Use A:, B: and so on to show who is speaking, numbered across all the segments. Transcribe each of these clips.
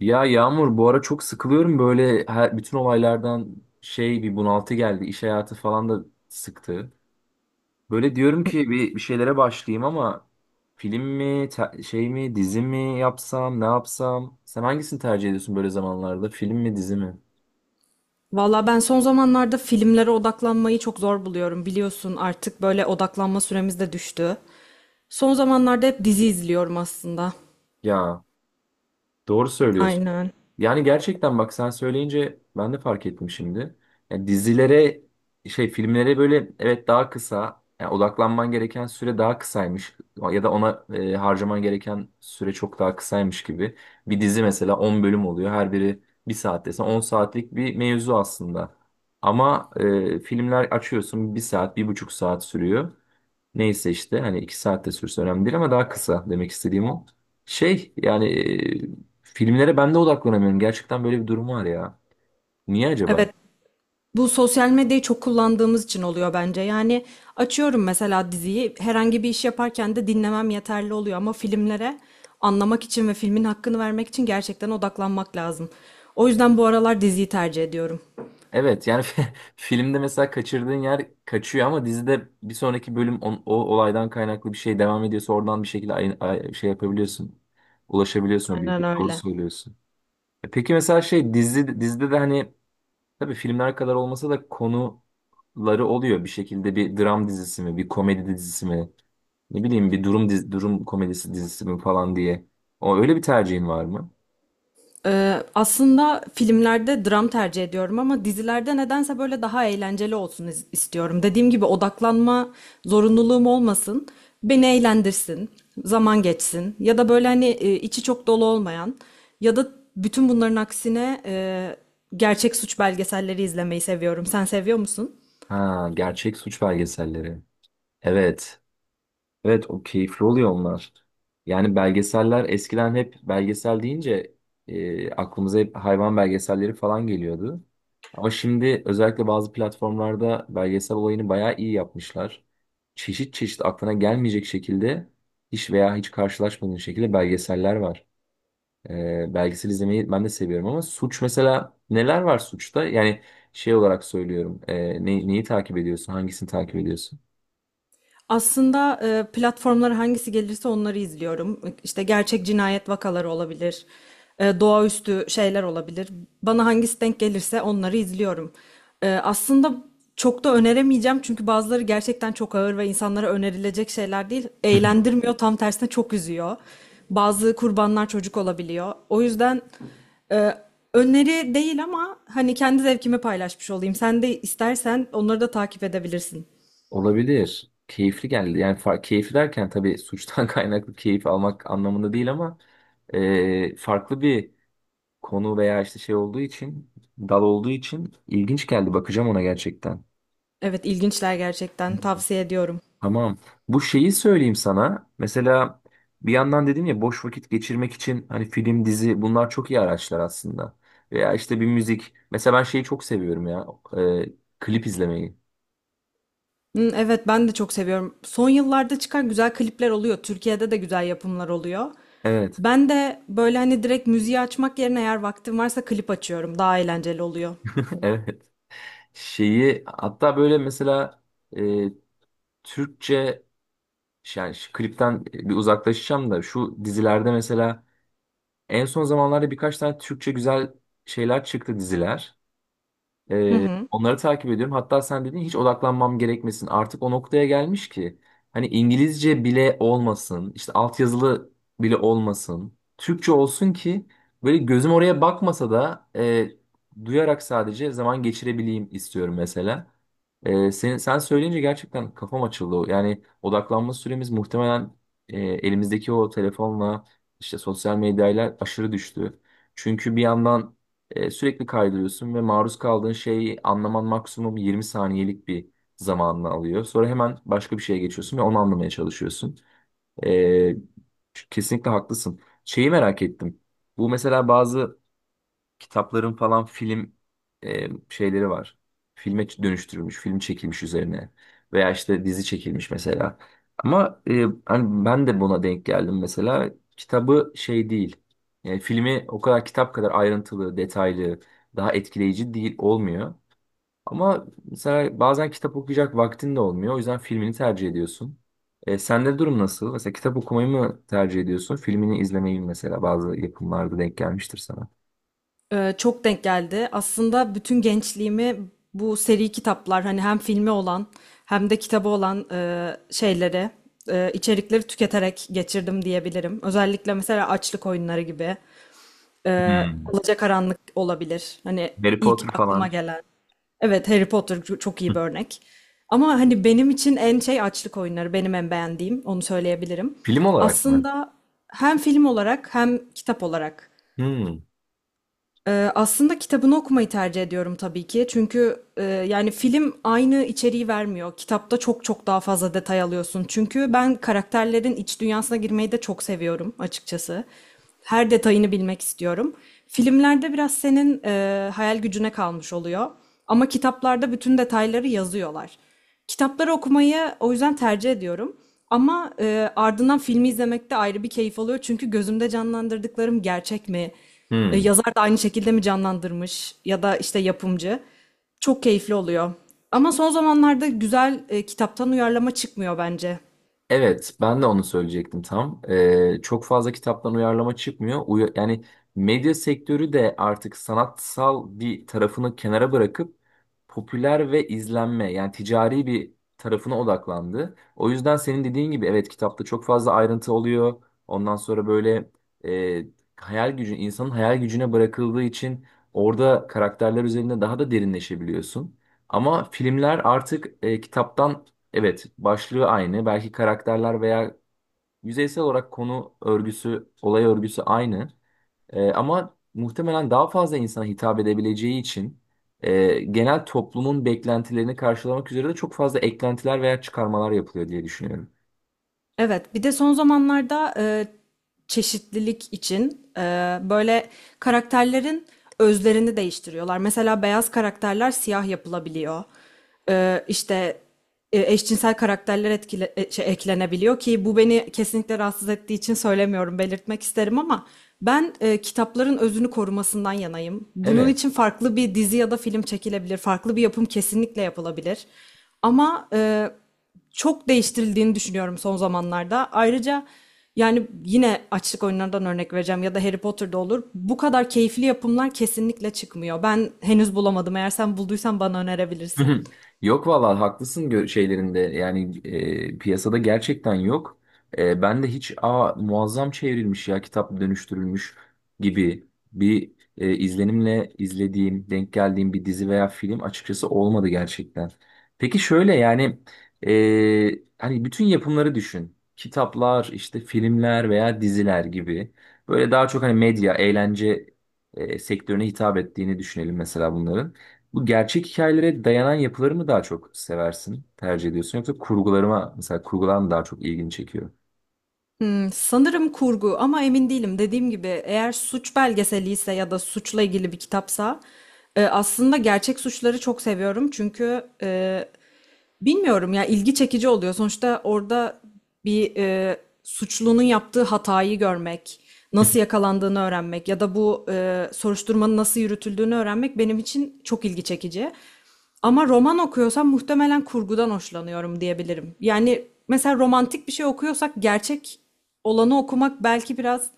A: Ya Yağmur bu ara çok sıkılıyorum böyle bütün olaylardan şey bir bunaltı geldi. İş hayatı falan da sıktı. Böyle diyorum ki bir şeylere başlayayım ama film mi şey mi dizi mi yapsam ne yapsam? Sen hangisini tercih ediyorsun böyle zamanlarda film mi dizi mi?
B: Valla ben son zamanlarda filmlere odaklanmayı çok zor buluyorum. Biliyorsun artık böyle odaklanma süremiz de düştü. Son zamanlarda hep dizi izliyorum aslında.
A: Ya doğru söylüyorsun.
B: Aynen.
A: Yani gerçekten bak sen söyleyince ben de fark ettim şimdi. Yani dizilere şey filmlere böyle evet daha kısa, yani odaklanman gereken süre daha kısaymış ya da ona harcaman gereken süre çok daha kısaymış gibi. Bir dizi mesela 10 bölüm oluyor, her biri bir saat desen 10 saatlik bir mevzu aslında. Ama filmler açıyorsun bir saat bir buçuk saat sürüyor. Neyse işte hani iki saatte sürse önemli değil ama daha kısa demek istediğim o. Şey yani filmlere ben de odaklanamıyorum. Gerçekten böyle bir durum var ya. Niye acaba?
B: Evet. Bu sosyal medyayı çok kullandığımız için oluyor bence. Yani açıyorum mesela diziyi. Herhangi bir iş yaparken de dinlemem yeterli oluyor ama filmlere anlamak için ve filmin hakkını vermek için gerçekten odaklanmak lazım. O yüzden bu aralar diziyi tercih ediyorum.
A: Evet yani filmde mesela kaçırdığın yer kaçıyor ama dizide bir sonraki bölüm o olaydan kaynaklı bir şey devam ediyorsa oradan bir şekilde şey yapabiliyorsun. Ulaşabiliyorsun o
B: Aynen
A: bilgiye. Doğru
B: öyle.
A: söylüyorsun. E peki mesela şey dizide de hani tabii filmler kadar olmasa da konuları oluyor bir şekilde. Bir dram dizisi mi, bir komedi dizisi mi, ne bileyim bir durum komedisi dizisi mi falan diye. O öyle bir tercihin var mı?
B: Aslında filmlerde dram tercih ediyorum ama dizilerde nedense böyle daha eğlenceli olsun istiyorum. Dediğim gibi odaklanma zorunluluğum olmasın. Beni eğlendirsin, zaman geçsin ya da böyle hani içi çok dolu olmayan ya da bütün bunların aksine gerçek suç belgeselleri izlemeyi seviyorum. Sen seviyor musun?
A: Ha, gerçek suç belgeselleri. Evet. Evet, o keyifli oluyor onlar. Yani belgeseller eskiden, hep belgesel deyince aklımıza hep hayvan belgeselleri falan geliyordu. Ama şimdi özellikle bazı platformlarda belgesel olayını bayağı iyi yapmışlar. Çeşit çeşit aklına gelmeyecek şekilde, hiç veya hiç karşılaşmadığın şekilde belgeseller var. Belgesel izlemeyi ben de seviyorum ama suç mesela neler var suçta? Yani şey olarak söylüyorum. Neyi takip ediyorsun? Hangisini takip ediyorsun?
B: Aslında platformlara hangisi gelirse onları izliyorum. İşte gerçek cinayet vakaları olabilir, doğaüstü şeyler olabilir. Bana hangisi denk gelirse onları izliyorum. Aslında çok da öneremeyeceğim çünkü bazıları gerçekten çok ağır ve insanlara önerilecek şeyler değil. Eğlendirmiyor, tam tersine çok üzüyor. Bazı kurbanlar çocuk olabiliyor. O yüzden e, öneri değil ama hani kendi zevkimi paylaşmış olayım. Sen de istersen onları da takip edebilirsin.
A: Olabilir. Keyifli geldi. Yani keyifli derken tabii suçtan kaynaklı keyif almak anlamında değil ama farklı bir konu veya işte şey olduğu için, dal olduğu için ilginç geldi. Bakacağım ona gerçekten.
B: Evet, ilginçler gerçekten, tavsiye ediyorum.
A: Tamam. Bu şeyi söyleyeyim sana. Mesela bir yandan dedim ya, boş vakit geçirmek için hani film, dizi bunlar çok iyi araçlar aslında. Veya işte bir müzik. Mesela ben şeyi çok seviyorum ya. e, Klip izlemeyi.
B: Hı, evet, ben de çok seviyorum. Son yıllarda çıkan güzel klipler oluyor. Türkiye'de de güzel yapımlar oluyor.
A: Evet.
B: Ben de böyle hani direkt müziği açmak yerine eğer vaktim varsa klip açıyorum. Daha eğlenceli oluyor.
A: Evet. Şeyi hatta böyle mesela e, Türkçe şey, yani şu klipten bir uzaklaşacağım da şu dizilerde mesela en son zamanlarda birkaç tane Türkçe güzel şeyler çıktı diziler.
B: Hı hı.
A: Onları takip ediyorum. Hatta sen dedin hiç odaklanmam gerekmesin. Artık o noktaya gelmiş ki hani İngilizce bile olmasın, işte altyazılı bile olmasın. Türkçe olsun ki böyle gözüm oraya bakmasa da duyarak sadece zaman geçirebileyim istiyorum mesela. Sen söyleyince gerçekten kafam açıldı. Yani odaklanma süremiz muhtemelen elimizdeki o telefonla, işte sosyal medyayla aşırı düştü. Çünkü bir yandan sürekli kaydırıyorsun ve maruz kaldığın şeyi anlaman maksimum 20 saniyelik bir zamanını alıyor. Sonra hemen başka bir şeye geçiyorsun ve onu anlamaya çalışıyorsun. E, Kesinlikle haklısın. Şeyi merak ettim. Bu mesela bazı kitapların falan film şeyleri var. Filme dönüştürülmüş, film çekilmiş üzerine veya işte dizi çekilmiş mesela. Ama hani ben de buna denk geldim mesela. Kitabı şey değil. Filmi o kadar kitap kadar ayrıntılı, detaylı, daha etkileyici değil, olmuyor. Ama mesela bazen kitap okuyacak vaktin de olmuyor. O yüzden filmini tercih ediyorsun. Sende durum nasıl? Mesela kitap okumayı mı tercih ediyorsun? Filmini izlemeyi mi? Mesela bazı yapımlarda denk gelmiştir sana.
B: Çok denk geldi. Aslında bütün gençliğimi bu seri kitaplar hani hem filmi olan hem de kitabı olan şeyleri, içerikleri tüketerek geçirdim diyebilirim. Özellikle mesela açlık oyunları gibi.
A: Hmm.
B: Alacakaranlık olabilir. Hani
A: Harry
B: ilk
A: Potter
B: aklıma
A: falan.
B: gelen. Evet, Harry Potter çok iyi bir
A: Hı.
B: örnek. Ama hani benim için en şey, açlık oyunları. Benim en beğendiğim, onu söyleyebilirim.
A: Film olarak mı?
B: Aslında hem film olarak hem kitap olarak
A: Hmm.
B: aslında kitabını okumayı tercih ediyorum tabii ki. Çünkü yani film aynı içeriği vermiyor. Kitapta çok çok daha fazla detay alıyorsun. Çünkü ben karakterlerin iç dünyasına girmeyi de çok seviyorum açıkçası. Her detayını bilmek istiyorum. Filmlerde biraz senin hayal gücüne kalmış oluyor. Ama kitaplarda bütün detayları yazıyorlar. Kitapları okumayı o yüzden tercih ediyorum. Ama ardından filmi izlemek de ayrı bir keyif oluyor. Çünkü gözümde canlandırdıklarım gerçek mi?
A: Hmm.
B: Yazar da aynı şekilde mi canlandırmış? Ya da işte yapımcı. Çok keyifli oluyor. Ama son zamanlarda güzel kitaptan uyarlama çıkmıyor bence.
A: Evet, ben de onu söyleyecektim tam. Çok fazla kitaptan uyarlama çıkmıyor. Yani medya sektörü de artık sanatsal bir tarafını kenara bırakıp popüler ve izlenme, yani ticari bir tarafına odaklandı. O yüzden senin dediğin gibi, evet, kitapta çok fazla ayrıntı oluyor. Ondan sonra böyle e, hayal gücü, insanın hayal gücüne bırakıldığı için orada karakterler üzerinde daha da derinleşebiliyorsun. Ama filmler artık kitaptan evet, başlığı aynı. Belki karakterler veya yüzeysel olarak konu örgüsü, olay örgüsü aynı. Ama muhtemelen daha fazla insana hitap edebileceği için genel toplumun beklentilerini karşılamak üzere de çok fazla eklentiler veya çıkarmalar yapılıyor diye düşünüyorum.
B: Evet, bir de son zamanlarda çeşitlilik için böyle karakterlerin özlerini değiştiriyorlar. Mesela beyaz karakterler siyah yapılabiliyor. İşte eşcinsel karakterler eklenebiliyor ki bu beni kesinlikle rahatsız ettiği için söylemiyorum, belirtmek isterim ama ben kitapların özünü korumasından yanayım. Bunun
A: Evet.
B: için farklı bir dizi ya da film çekilebilir, farklı bir yapım kesinlikle yapılabilir. Ama çok değiştirildiğini düşünüyorum son zamanlarda. Ayrıca yani yine açlık oyunlarından örnek vereceğim ya da Harry Potter'da olur. Bu kadar keyifli yapımlar kesinlikle çıkmıyor. Ben henüz bulamadım. Eğer sen bulduysan bana
A: Hı
B: önerebilirsin.
A: hı. Yok vallahi haklısın. Şeylerinde yani piyasada gerçekten yok. Ben de hiç, aa, muazzam çevrilmiş ya kitap dönüştürülmüş gibi bir izlenimle izlediğim, denk geldiğim bir dizi veya film açıkçası olmadı gerçekten. Peki şöyle, yani hani bütün yapımları düşün. Kitaplar, işte filmler veya diziler gibi. Böyle daha çok hani medya, eğlence sektörüne hitap ettiğini düşünelim mesela bunların. Bu gerçek hikayelere dayanan yapıları mı daha çok seversin, tercih ediyorsun, yoksa kurgularıma, mesela kurgular mı daha çok ilgini çekiyor?
B: Sanırım kurgu ama emin değilim. Dediğim gibi eğer suç belgeseli ise ya da suçla ilgili bir kitapsa aslında gerçek suçları çok seviyorum. Çünkü bilmiyorum ya, ilgi çekici oluyor. Sonuçta orada bir suçlunun yaptığı hatayı görmek, nasıl yakalandığını öğrenmek ya da bu soruşturmanın nasıl yürütüldüğünü öğrenmek benim için çok ilgi çekici. Ama roman okuyorsam muhtemelen kurgudan hoşlanıyorum diyebilirim. Yani mesela romantik bir şey okuyorsak gerçek olanı okumak belki biraz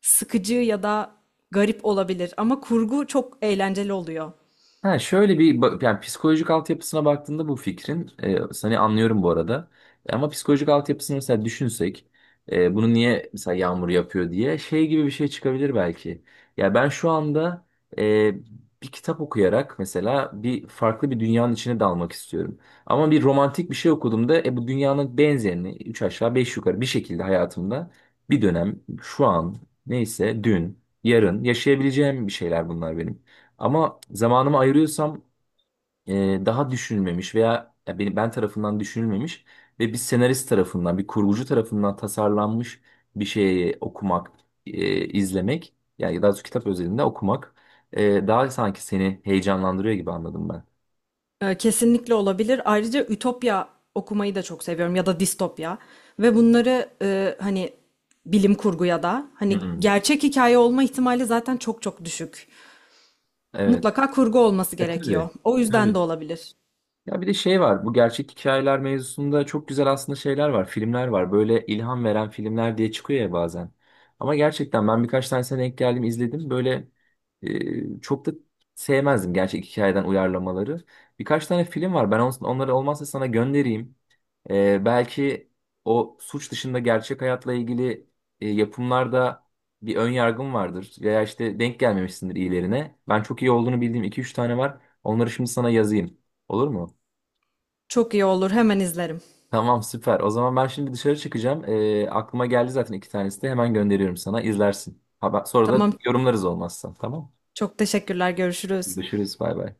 B: sıkıcı ya da garip olabilir ama kurgu çok eğlenceli oluyor.
A: Ha şöyle bir yani psikolojik altyapısına baktığında bu fikrin, seni anlıyorum bu arada. Ama psikolojik altyapısını mesela düşünsek bunu niye mesela yağmur yapıyor diye şey gibi bir şey çıkabilir belki. Ya ben şu anda e, bir kitap okuyarak mesela bir farklı bir dünyanın içine dalmak istiyorum. Ama bir romantik bir şey okuduğumda bu dünyanın benzerini üç aşağı beş yukarı bir şekilde hayatımda bir dönem, şu an neyse, dün yarın yaşayabileceğim bir şeyler bunlar benim. Ama zamanımı ayırıyorsam daha düşünülmemiş veya ya ben tarafından düşünülmemiş ve bir senarist tarafından, bir kurgucu tarafından tasarlanmış bir şeyi okumak, izlemek, yani ya daha doğrusu kitap özelinde okumak daha sanki seni heyecanlandırıyor gibi anladım ben.
B: Kesinlikle olabilir. Ayrıca ütopya okumayı da çok seviyorum ya da distopya ve bunları hani bilim kurgu ya da
A: Hı
B: hani,
A: hı.
B: gerçek hikaye olma ihtimali zaten çok çok düşük.
A: Evet.
B: Mutlaka kurgu olması
A: E
B: gerekiyor.
A: tabii.
B: O yüzden de
A: Tabii.
B: olabilir.
A: Ya bir de şey var. Bu gerçek hikayeler mevzusunda çok güzel aslında şeyler var. Filmler var. Böyle ilham veren filmler diye çıkıyor ya bazen. Ama gerçekten ben birkaç tanesine denk geldim, izledim. Böyle çok da sevmezdim gerçek hikayeden uyarlamaları. Birkaç tane film var. Ben onları olmazsa sana göndereyim. Belki o suç dışında gerçek hayatla ilgili yapımlarda bir ön yargım vardır. Veya işte denk gelmemişsindir iyilerine. Ben çok iyi olduğunu bildiğim iki üç tane var. Onları şimdi sana yazayım. Olur mu?
B: Çok iyi olur. Hemen izlerim.
A: Tamam, süper. O zaman ben şimdi dışarı çıkacağım. Aklıma geldi zaten iki tanesi de. Hemen gönderiyorum sana. İzlersin. Haber, sonra da
B: Tamam.
A: yorumlarız olmazsa. Tamam.
B: Çok teşekkürler. Görüşürüz.
A: Görüşürüz. Bay bay.